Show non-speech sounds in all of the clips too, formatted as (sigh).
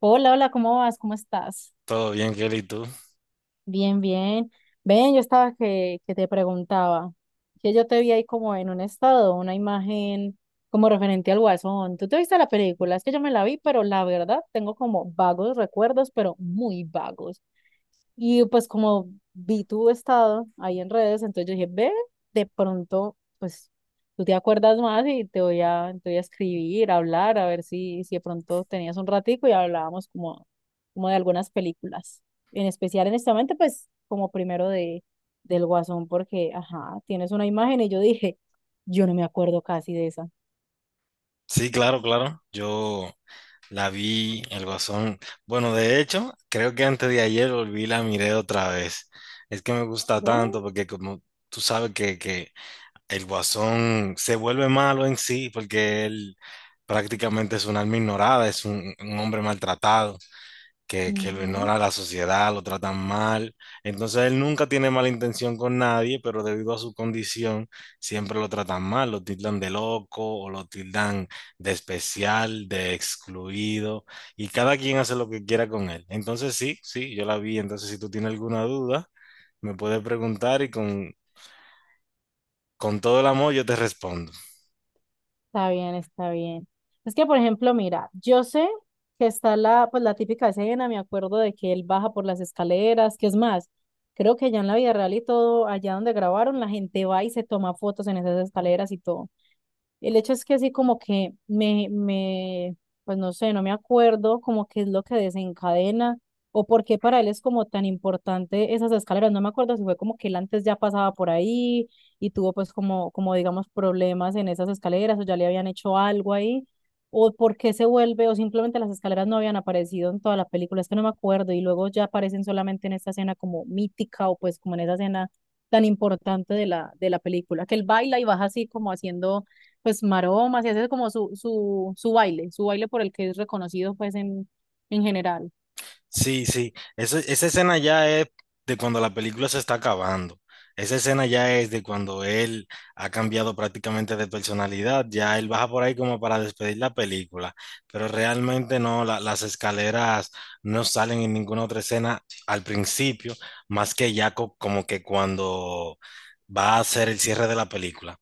Hola, hola, ¿cómo vas? ¿Cómo estás? Todo bien, Kelly, ¿y tú? Bien, bien. Ven, yo estaba que te preguntaba, que yo te vi ahí como en un estado, una imagen como referente al Guasón. ¿Tú te viste la película? Es que yo me la vi, pero la verdad tengo como vagos recuerdos, pero muy vagos. Y pues como vi tu estado ahí en redes, entonces yo dije, ve, de pronto, pues tú te acuerdas más y te voy a escribir, a hablar, a ver si de pronto tenías un ratico y hablábamos como, como de algunas películas. En especial en este momento, pues como del Guasón, porque, ajá, tienes una imagen y yo dije, yo no me acuerdo casi de esa. Sí, claro, claro. Yo la vi, El Guasón. Bueno, de hecho, creo que antes de ayer volví y la miré otra vez. Es que me gusta tanto Ve. porque como tú sabes que El Guasón se vuelve malo en sí porque él prácticamente es un alma ignorada, es un hombre maltratado, que lo Ujú. ignora la sociedad, lo tratan mal. Entonces él nunca tiene mala intención con nadie, pero debido a su condición siempre lo tratan mal, lo tildan de loco o lo tildan de especial, de excluido, y cada quien hace lo que quiera con él. Entonces sí, sí, yo la vi, entonces si tú tienes alguna duda, me puedes preguntar y con todo el amor yo te respondo. Está bien, está bien. Es que, por ejemplo, mira, yo sé que está pues, la típica escena, me acuerdo de que él baja por las escaleras, que es más, creo que ya en la vida real y todo, allá donde grabaron, la gente va y se toma fotos en esas escaleras y todo. El hecho es que así como que pues no sé, no me acuerdo como qué es lo que desencadena o por qué para él es como tan importante esas escaleras. No me acuerdo si fue como que él antes ya pasaba por ahí y tuvo pues como, como digamos problemas en esas escaleras o ya le habían hecho algo ahí o por qué se vuelve o simplemente las escaleras no habían aparecido en toda la película. Es que no me acuerdo y luego ya aparecen solamente en esta escena como mítica o pues como en esa escena tan importante de de la película, que él baila y baja así como haciendo pues maromas y hace como su baile por el que es reconocido pues en general. Sí, sí. Esa escena ya es de cuando la película se está acabando. Esa escena ya es de cuando él ha cambiado prácticamente de personalidad. Ya él baja por ahí como para despedir la película. Pero realmente no, las escaleras no salen en ninguna otra escena al principio, más que ya como que cuando va a ser el cierre de la película.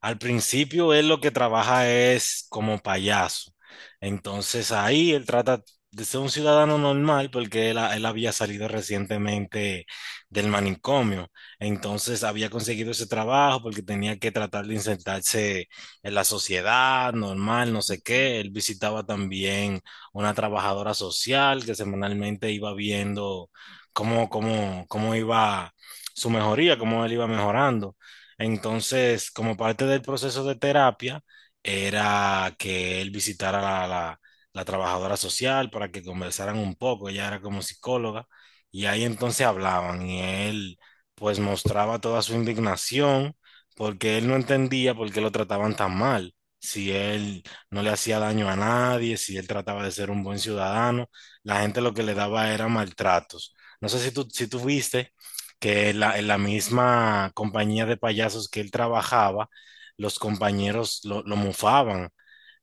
Al principio él lo que trabaja es como payaso. Entonces ahí él trata de ser un ciudadano normal porque él, él había salido recientemente del manicomio. Entonces había conseguido ese trabajo porque tenía que tratar de insertarse en la sociedad normal, no sé qué. Él visitaba también una trabajadora social que semanalmente iba viendo cómo iba su mejoría, cómo él iba mejorando. Entonces, como parte del proceso de terapia, era que él visitara a la trabajadora social para que conversaran un poco. Ella era como psicóloga y ahí entonces hablaban y él pues mostraba toda su indignación porque él no entendía por qué lo trataban tan mal. Si él no le hacía daño a nadie, si él trataba de ser un buen ciudadano, la gente lo que le daba era maltratos. No sé si tú, si tú viste que en la misma compañía de payasos que él trabajaba, los compañeros lo mofaban,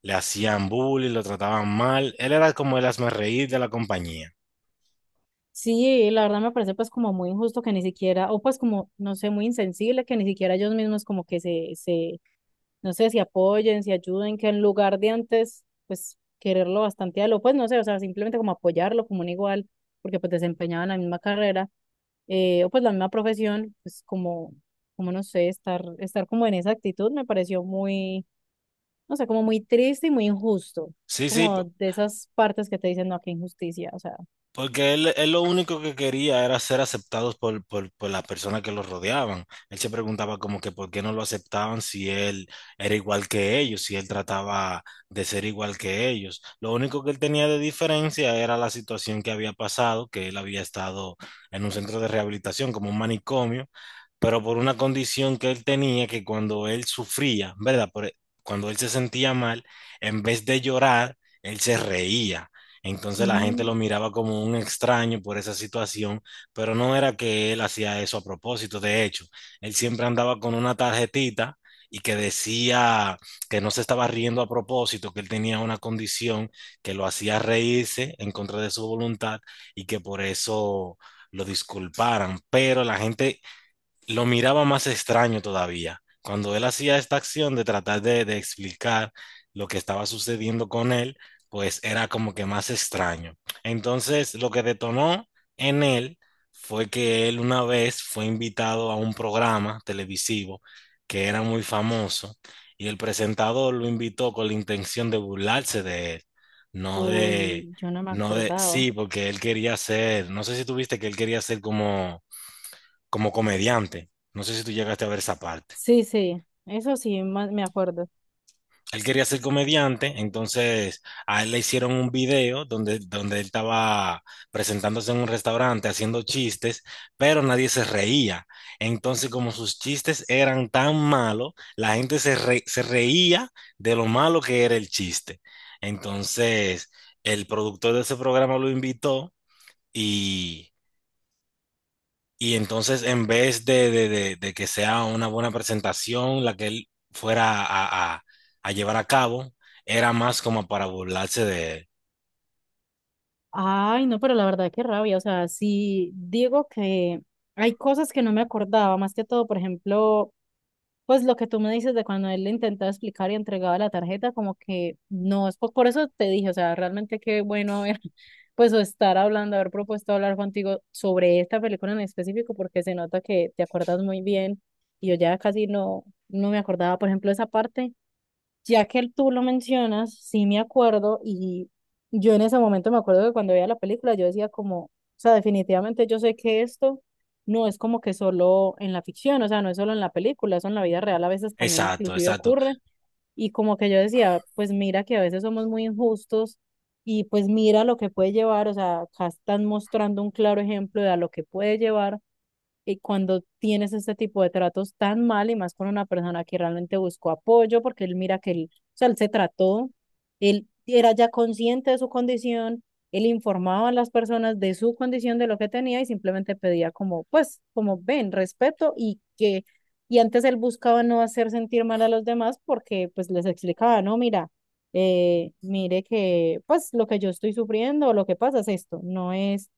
le hacían bullying, lo trataban mal. Él era como el hazmerreír de la compañía. Sí, la verdad me parece pues como muy injusto que ni siquiera, o pues como, no sé, muy insensible que ni siquiera ellos mismos como que no sé, si apoyen, si ayuden, que en lugar de antes, pues quererlo bastante a lo, pues no sé, o sea, simplemente como apoyarlo como un igual, porque pues desempeñaban la misma carrera, o pues la misma profesión, pues como, como no sé, estar como en esa actitud me pareció muy no sé, como muy triste y muy injusto. Es Sí, sí. como de esas partes que te dicen, no, qué injusticia, o sea, Porque él lo único que quería era ser aceptados por las personas que lo rodeaban. Él se preguntaba como que por qué no lo aceptaban si él era igual que ellos, si él trataba de ser igual que ellos. Lo único que él tenía de diferencia era la situación que había pasado, que él había estado en un centro de rehabilitación como un manicomio, pero por una condición que él tenía que cuando él sufría, ¿verdad? Cuando él se sentía mal, en vez de llorar, él se reía. Entonces la gente lo mm, miraba como un extraño por esa situación, pero no era que él hacía eso a propósito. De hecho, él siempre andaba con una tarjetita y que decía que no se estaba riendo a propósito, que él tenía una condición que lo hacía reírse en contra de su voluntad y que por eso lo disculparan. Pero la gente lo miraba más extraño todavía. Cuando él hacía esta acción de tratar de explicar lo que estaba sucediendo con él, pues era como que más extraño. Entonces, lo que detonó en él fue que él una vez fue invitado a un programa televisivo que era muy famoso y el presentador lo invitó con la intención de burlarse de él, no de, uy, yo no me no de, acordaba. sí, porque él quería ser, no sé si tuviste que él quería ser como comediante. No sé si tú llegaste a ver esa parte. Sí, sí, eso sí, me acuerdo. Él quería ser comediante, entonces a él le hicieron un video donde él estaba presentándose en un restaurante haciendo chistes, pero nadie se reía. Entonces, como sus chistes eran tan malos, la gente se reía de lo malo que era el chiste. Entonces, el productor de ese programa lo invitó y Y entonces, en vez de que sea una buena presentación, la que él fuera a llevar a cabo, era más como para burlarse de. Ay, no, pero la verdad, qué rabia, o sea, sí, digo que hay cosas que no me acordaba, más que todo, por ejemplo, pues lo que tú me dices de cuando él le intentaba explicar y entregaba la tarjeta, como que no, es por, eso te dije, o sea, realmente qué bueno haber, (laughs) pues o estar hablando, haber propuesto hablar contigo sobre esta película en específico, porque se nota que te acuerdas muy bien y yo ya casi no me acordaba, por ejemplo, esa parte ya que tú lo mencionas, sí me acuerdo y yo en ese momento me acuerdo que cuando veía la película yo decía como, o sea, definitivamente yo sé que esto no es como que solo en la ficción, o sea, no es solo en la película, eso en la vida real a veces también Exacto, inclusive exacto, ocurre y como que yo decía, pues mira que a veces somos muy injustos y pues mira lo que puede llevar, o sea, acá están mostrando un claro ejemplo de a lo que puede llevar y cuando tienes este tipo de tratos tan mal y más con una persona que realmente buscó apoyo, porque él mira que él, o sea, él se trató, él era ya consciente de su condición, él informaba a las personas de su condición, de lo que tenía y simplemente pedía como, pues, como ven, respeto y que, y antes él buscaba no hacer sentir mal a los demás porque pues les explicaba, no, mira, mire que pues lo que yo estoy sufriendo o lo que pasa es esto, no es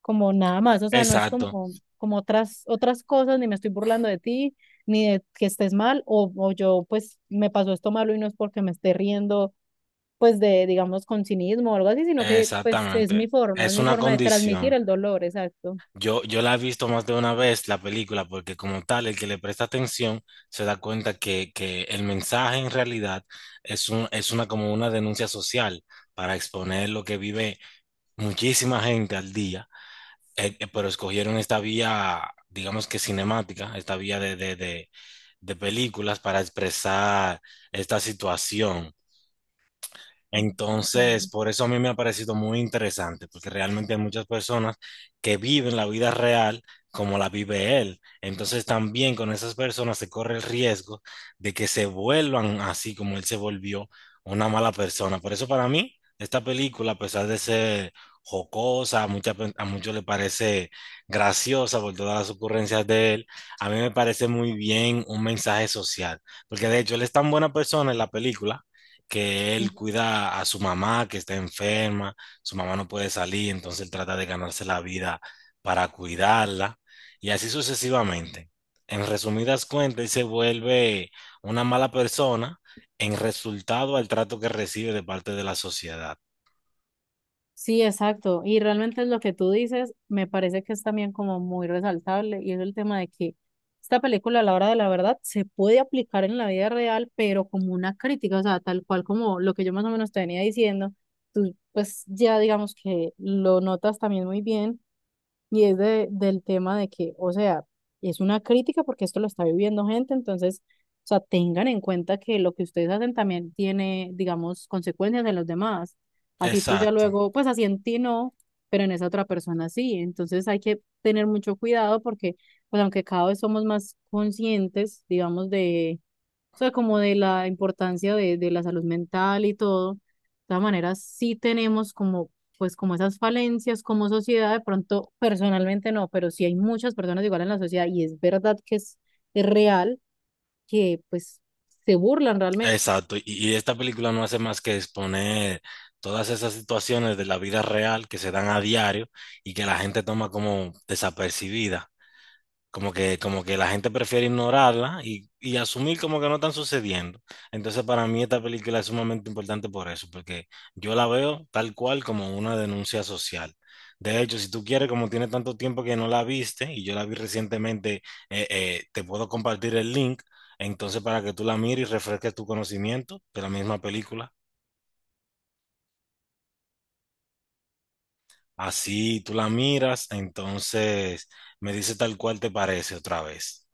como nada más, o sea, no es exacto, como, como otras cosas, ni me estoy burlando de ti, ni de que estés mal, o yo pues me pasó esto malo y no es porque me esté riendo pues de, digamos, con cinismo o algo así, sino que pues exactamente. Es Es mi una forma de transmitir condición. el dolor, exacto. Yo la he visto más de una vez la película, porque como tal, el que le presta atención se da cuenta que el mensaje en realidad es una como una denuncia social para exponer lo que vive muchísima gente al día. Pero escogieron esta vía, digamos que cinemática, esta vía de películas para expresar esta situación. Ah, qué Entonces, bueno. por eso a mí me ha parecido muy interesante, porque realmente hay muchas personas que viven la vida real como la vive él. Entonces, también con esas personas se corre el riesgo de que se vuelvan así como él se volvió una mala persona. Por eso para mí, esta película, a pesar de ser jocosa, a muchos le parece graciosa por todas las ocurrencias de él, a mí me parece muy bien un mensaje social, porque de hecho él es tan buena persona en la película que él cuida a su mamá que está enferma, su mamá no puede salir, entonces él trata de ganarse la vida para cuidarla y así sucesivamente. En resumidas cuentas, él se vuelve una mala persona en resultado al trato que recibe de parte de la sociedad. Sí, exacto. Y realmente lo que tú dices me parece que es también como muy resaltable y es el tema de que esta película a la hora de la verdad se puede aplicar en la vida real, pero como una crítica, o sea, tal cual como lo que yo más o menos te venía diciendo, tú pues ya digamos que lo notas también muy bien y es del tema de que, o sea, es una crítica porque esto lo está viviendo gente, entonces, o sea, tengan en cuenta que lo que ustedes hacen también tiene, digamos, consecuencias en los demás. Así tú ya Exacto, luego, pues así en ti no, pero en esa otra persona sí. Entonces hay que tener mucho cuidado porque, pues aunque cada vez somos más conscientes, digamos, de o sea, como de la importancia de la salud mental y todo. De todas maneras, sí tenemos como, pues, como esas falencias como sociedad, de pronto personalmente no, pero sí hay muchas personas igual en la sociedad y es verdad que es real que, pues, se burlan realmente. exacto. Y esta película no hace más que exponer todas esas situaciones de la vida real que se dan a diario y que la gente toma como desapercibida. Como que la gente prefiere ignorarla y asumir como que no están sucediendo. Entonces, para mí esta película es sumamente importante por eso, porque yo la veo tal cual como una denuncia social. De hecho, si tú quieres, como tiene tanto tiempo que no la viste, y yo la vi recientemente, te puedo compartir el link, entonces para que tú la mires y refresques tu conocimiento de la misma película. Así tú la miras, entonces me dice tal cual te parece otra vez.